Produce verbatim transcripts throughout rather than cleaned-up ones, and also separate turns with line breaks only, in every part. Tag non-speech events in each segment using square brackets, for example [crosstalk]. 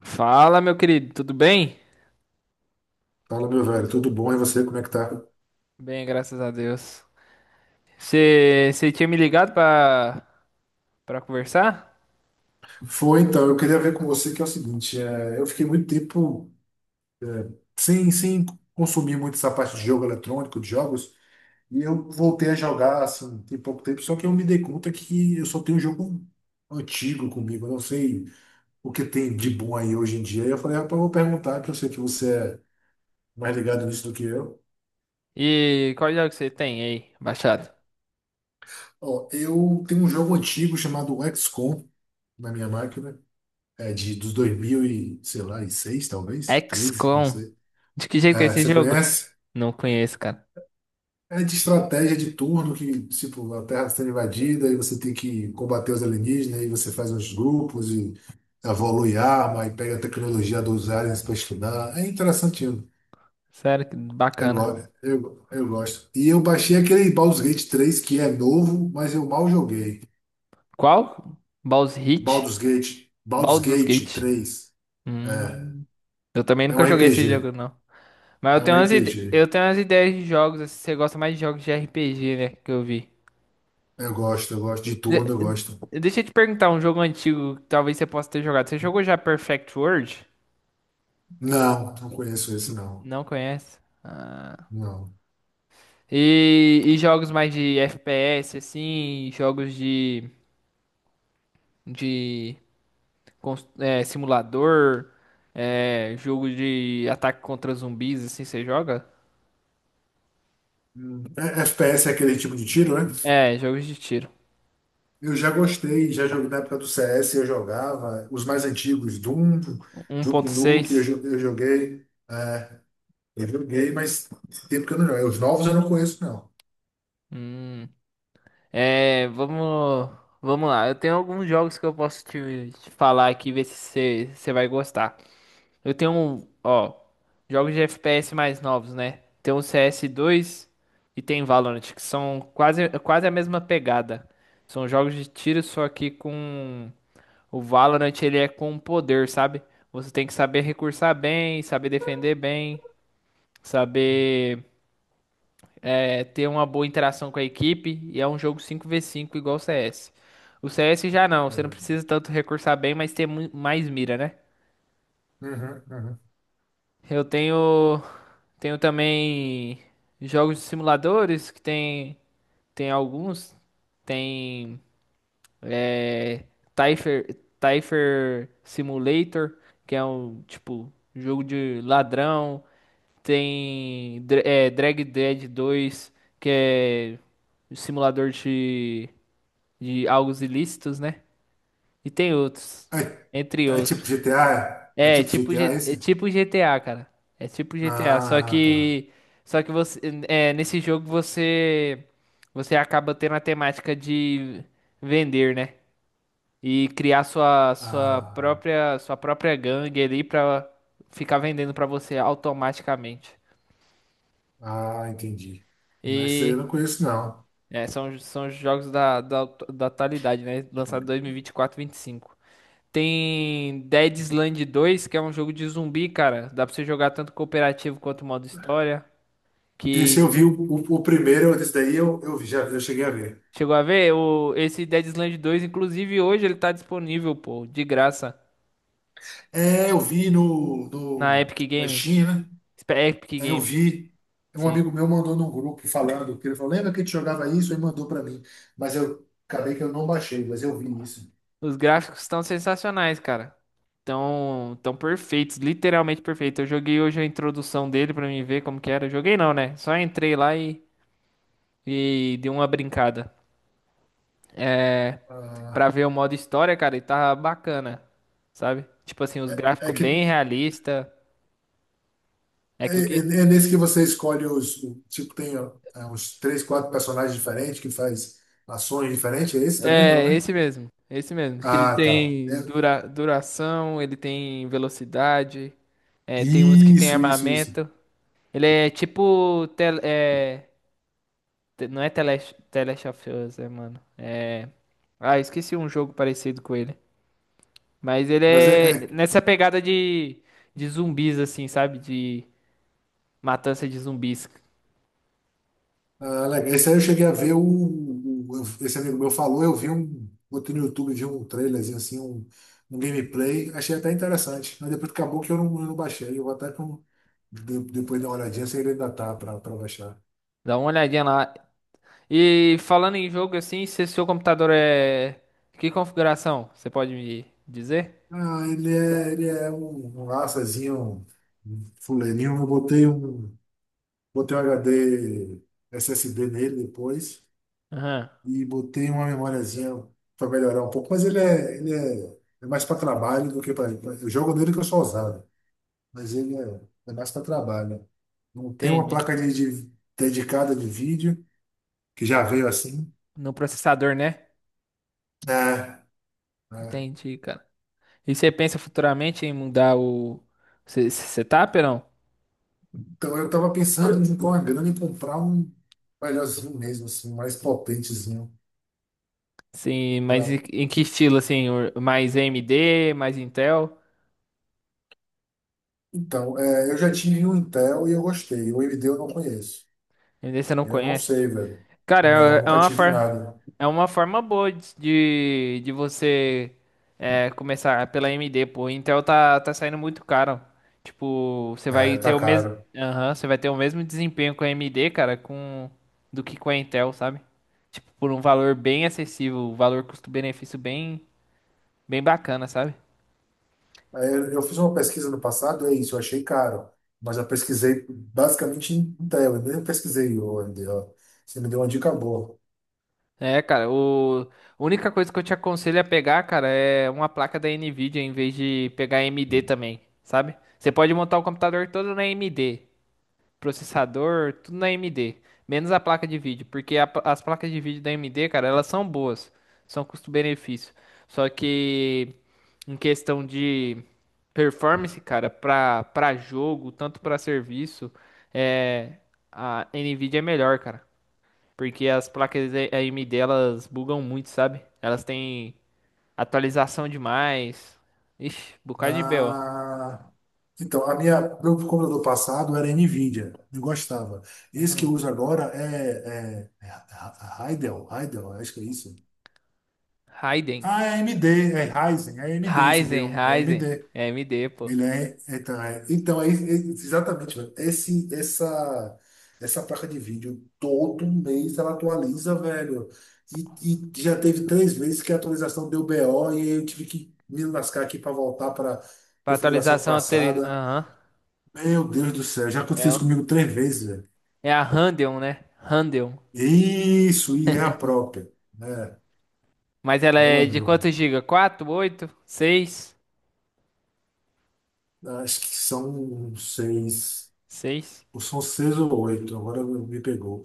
Fala, meu querido, tudo bem?
Fala, meu velho, tudo bom? E você, como é que tá?
Bem, graças a Deus. Você tinha me ligado pra, pra conversar?
Foi, então, eu queria ver com você que é o seguinte, é, eu fiquei muito tempo sem, sem consumir muito essa parte de jogo eletrônico, de jogos, e eu voltei a jogar, assim, tem pouco tempo, só que eu me dei conta que eu só tenho um jogo antigo comigo, eu não sei o que tem de bom aí hoje em dia. E eu falei, rapaz, eu vou perguntar, porque eu sei que você é mais ligado nisso do que eu.
E qual jogo você tem aí, baixado?
Ó, eu tenho um jogo antigo chamado X com na minha máquina, é de, dos dois mil e, sei lá, e seis talvez, treze não
X COM.
sei.
De que jeito é
É,
esse
você
jogo?
conhece?
Não conheço, cara.
É de estratégia de turno que, tipo, a Terra está sendo invadida e você tem que combater os alienígenas, e você faz uns grupos e evolui arma e pega a tecnologia dos aliens para estudar. É interessantinho.
Sério, que
Eu,
bacana.
gosto eu, eu gosto. E eu baixei aquele Baldur's Gate três que é novo, mas eu mal joguei.
Qual? Baldur's Gate?
Baldur's Gate, Baldur's
Baldur's
Gate
Gate.
três. É,
Hum, eu também
é um
nunca joguei esse jogo,
R P G.
não. Mas eu
É um
tenho umas, ide-
R P G.
eu tenho umas ideias de jogos, assim, você gosta mais de jogos de R P G, né, que eu vi.
Eu gosto, eu gosto de turno,
De-
eu gosto.
de- Deixa eu te perguntar um jogo antigo que talvez você possa ter jogado. Você jogou já Perfect World?
Não, não conheço esse, não.
Não conhece? Ah.
Não.
E, e jogos mais de F P S, assim, jogos de, de cons- é, simulador, é, jogo de ataque contra zumbis, assim, você joga?
Hum, é- F P S é aquele tipo de tiro, né?
É, jogos de tiro.
Eu já gostei, já joguei na época do C S, eu jogava os mais antigos, Doom, Duke Nukem, eu,
um ponto seis.
jo- eu joguei. É, eu joguei, mas tem tempo que eu não jogo. Os novos eu não conheço, não.
Hum. É, vamos, vamos lá. Eu tenho alguns jogos que eu posso te, te falar aqui, ver se você você vai gostar. Eu tenho, um- ó, jogos de F P S mais novos, né? Tem o C S dois e tem Valorant, que são quase, quase a mesma pegada. São jogos de tiro, só que com o Valorant ele é com poder, sabe? Você tem que saber recursar bem, saber defender bem, saber é, ter uma boa interação com a equipe, e é um jogo cinco contra cinco igual o C S. O C S já não, você não
É,
precisa tanto recursar bem, mas ter mu- mais mira, né?
uhum, uhum.
Eu tenho. Tenho também jogos de simuladores que tem tem alguns, tem é, Typher, Typher Simulator, que é um tipo jogo de ladrão, tem Dra- é, Drag Dead dois, que é um simulador de de algos ilícitos, né? E tem outros,
É,
entre
é tipo
outros.
G T A? É É
É,
tipo
tipo,
G T A
G- é
esse?
tipo G T A, cara. É tipo G T A, só
Ah, tá.
que só que você é, nesse jogo você você acaba tendo a temática de vender, né? E criar sua sua
Ah,
própria sua própria gangue ali pra ficar vendendo pra você automaticamente.
ah, entendi. Mas esse aí eu não
E
conheço, não.
é, são são os jogos da da, da atualidade, né? Lançado em dois mil e vinte e quatro, vinte e cinco. Tem Dead Island dois, que é um jogo de zumbi, cara. Dá pra você jogar tanto cooperativo quanto modo história.
Esse eu
Que
vi o, o, o primeiro, esse daí eu, eu vi, já eu cheguei a ver.
chegou a ver o esse Dead Island dois, inclusive hoje ele tá disponível, pô, de graça
É, eu vi no,
na
no,
Epic
na
Games.
China,
Espe- Epic
é, eu
Games,
vi. Um
sim.
amigo meu mandou num grupo falando, que ele falou, lembra que a gente jogava isso? E mandou para mim. Mas eu acabei que eu não baixei, mas eu vi isso.
Os gráficos estão sensacionais, cara. Tão, tão perfeitos, literalmente perfeitos. Eu joguei hoje a introdução dele pra mim ver como que era. Joguei não, né? Só entrei lá e, e dei uma brincada. É, pra
Ah,
ver o modo história, cara, e tava bacana, sabe? Tipo assim, os
é
gráficos bem
que
realista. É
é,
que o que
é- é nesse que você escolhe os, o- tipo, tem ó, é, uns três, quatro personagens diferentes que faz ações diferentes. É esse também não,
É,
né?
esse mesmo. Esse mesmo. Que ele
Ah, tá.
tem
É-
dura... duração, ele tem velocidade, é, tem uns que tem
isso, isso, isso.
armamento. Ele é tipo. Tel... É... te- Não é tele Last The Last of Us, é, mano. É. Ah, esqueci um jogo parecido com ele. Mas ele
Mas é,
é
é
nessa pegada de, de zumbis, assim, sabe? De matança de zumbis.
Ah, legal. Esse aí eu cheguei a ver o, o- eu- Esse amigo meu falou, eu vi um, botei no YouTube, vi um trailerzinho assim, um, um gameplay, achei até interessante. Mas depois acabou que eu não, eu não baixei. Eu vou até com, de- depois dar uma olhadinha se ele ainda tá pra, pra baixar.
Dá uma olhadinha lá. E falando em jogo assim, se seu computador é. Que configuração? Você pode me dizer?
Ah, ele é, ele é um, um açazinho, um fuleirinho. Eu botei um, botei um H D S S D nele depois
Aham,
e botei uma memóriazinha para melhorar um pouco, mas ele é, ele é, é mais para trabalho do que para pra- Eu jogo nele que eu sou ousado. Mas ele é, é mais para trabalho. Né? Não tem uma
entende.
placa de, de- dedicada de vídeo, que já veio assim.
No processador, né?
É, é.
Entendi, cara. E você pensa futuramente em mudar o se- se- setup ou não?
Então eu tava pensando em com a grana em comprar um melhorzinho mesmo, assim, um mais potentezinho.
Sim, mas
Pra...
em em que estilo assim? O- Mais A M D, mais Intel?
Então, é, eu já tive um Intel e eu gostei. O A M D eu não conheço.
A M D você não
Eu não
conhece?
sei, velho.
Cara,
Não,
é é
nunca
uma
tive
forma,
nada.
é uma forma boa de, de de você é, começar pela A M D, pô. Intel tá, tá saindo muito caro. Tipo, você vai
É,
ter
tá
o mesmo,
caro.
aham, você vai ter o mesmo desempenho com a AMD, cara, com do que com a Intel, sabe? Tipo, por um valor bem acessível, valor custo-benefício bem, bem bacana, sabe?
É, Eu eu fiz uma pesquisa no passado, é isso, eu achei caro, mas eu pesquisei basicamente em tela, eu nem pesquisei onde, ó. Você me deu uma dica boa.
É, cara, o a única coisa que eu te aconselho a pegar, cara, é uma placa da Nvidia em vez de pegar A M D também, sabe? Você pode montar o computador todo na A M D, processador, tudo na A M D, menos a placa de vídeo, porque a pla- as placas de vídeo da A M D, cara, elas são boas, são custo-benefício. Só que em questão de performance, cara, pra, pra jogo, tanto pra serviço, é a Nvidia é melhor, cara. Porque as placas A- AMD elas bugam muito, sabe? Elas têm atualização demais. Ixi, bocado de B O.
Ah, então, a minha, meu computador passado era Nvidia, eu gostava. Esse que
Uhum.
eu uso agora é, é, é Heidel, Heidel, acho que é isso.
Raiden.
Ah, é A M D, é Ryzen, é A M D esse
Ryzen,
meu, é
Ryzen.
A M D.
É A M D, pô.
Ele é, então, é, então é, é- Exatamente, velho. Esse, essa, essa placa de vídeo, todo mês ela atualiza, velho. E, e já teve três vezes que a atualização deu B O e aí eu tive que me lascar aqui para voltar para
Pra
configuração
atualização anterior.
passada.
Aham.
Meu Deus do céu, já aconteceu
É,
isso
o-
comigo três vezes, velho.
é a Radeon, né? Radeon.
Isso, e é a própria, né?
Mas ela
Meu
é de
amigo,
quantos giga? Quatro, oito, seis,
acho que são seis,
seis.
ou são seis ou oito, agora me pegou.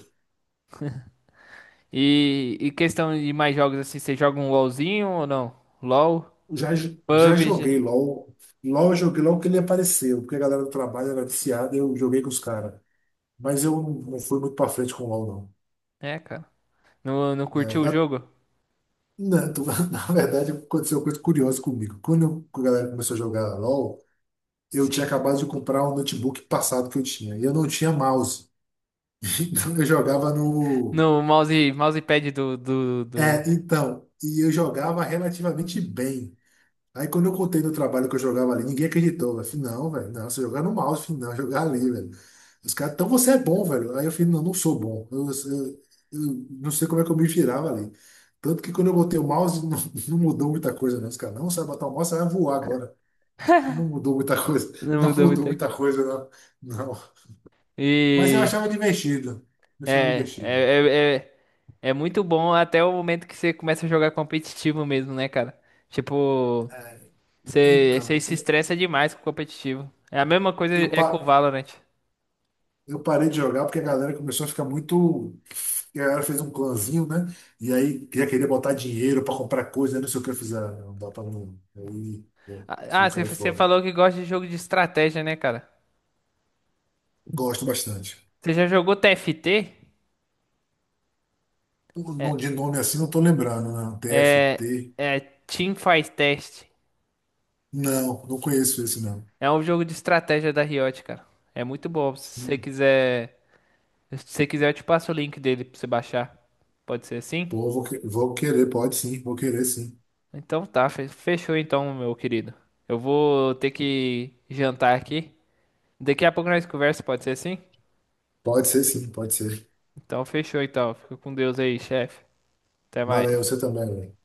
E, e questão de mais jogos assim, você joga um LOLzinho ou não? LOL?
Já, já
P U B G?
joguei LOL. LOL eu joguei logo que ele apareceu, porque a galera do trabalho era viciada e eu joguei com os caras. Mas eu não não fui muito pra frente com o LOL,
É, cara. Não, não
não.
curtiu
É,
o
a-
jogo?
na, tu- [laughs] na verdade, aconteceu uma coisa curiosa comigo. Quando eu- a galera começou a jogar LOL, eu tinha
Sim.
acabado de comprar um notebook passado que eu tinha. E eu não tinha mouse. [laughs] Então eu jogava no.
No mouse, mousepad do, do, do...
É, então. E eu jogava relativamente bem. Aí quando eu contei no trabalho que eu jogava ali, ninguém acreditou. Eu falei, não, velho, não, você jogar no mouse, eu não, jogar ali, velho. Os caras, então você é bom, velho. Aí eu falei, não, não sou bom. Eu, eu- eu não sei como é que eu me virava ali. Tanto que quando eu botei o mouse, [laughs] não, não mudou muita coisa, não. Os caras, não, você vai botar o mouse, você vai voar agora. Não mudou muita coisa. [laughs]
Não
Não
mudou
mudou
muita coisa.
muita coisa, não. Não. Mas eu
E
achava divertido. Eu achava
É,
divertido.
é, é, é, é muito bom até o momento que você começa a jogar competitivo mesmo, né, cara? Tipo, você, você
Então,
se
eu,
estressa demais com competitivo. É a mesma coisa
eu,
é com o
pa-
Valorant.
Eu parei de jogar porque a galera começou a ficar muito. A galera fez um clãzinho, né? E aí já queria botar dinheiro para comprar coisa, não sei o que eu fiz. Ah, não dá para não. Eu, eu,
Ah,
eu
ah, você,
caí
você
fora.
falou que gosta de jogo de estratégia, né, cara?
Gosto bastante.
Você já jogou T F T?
O
É,
nome- De nome assim não tô lembrando, não. T F
é,
T.
é Team Fight Test.
Não, não conheço esse, não.
É um jogo de estratégia da Riot, cara. É muito bom. Se você
Hum,
quiser Se você quiser, eu te passo o link dele pra você baixar. Pode ser assim?
Pô, vou, que- vou querer, pode sim, vou querer sim.
Então tá, fe- fechou então, meu querido. Eu vou ter que jantar aqui. Daqui a pouco nós conversa, pode ser assim?
Pode ser sim, pode ser.
Então fechou então. Fica com Deus aí, chefe. Até
Valeu,
mais.
você também, velho.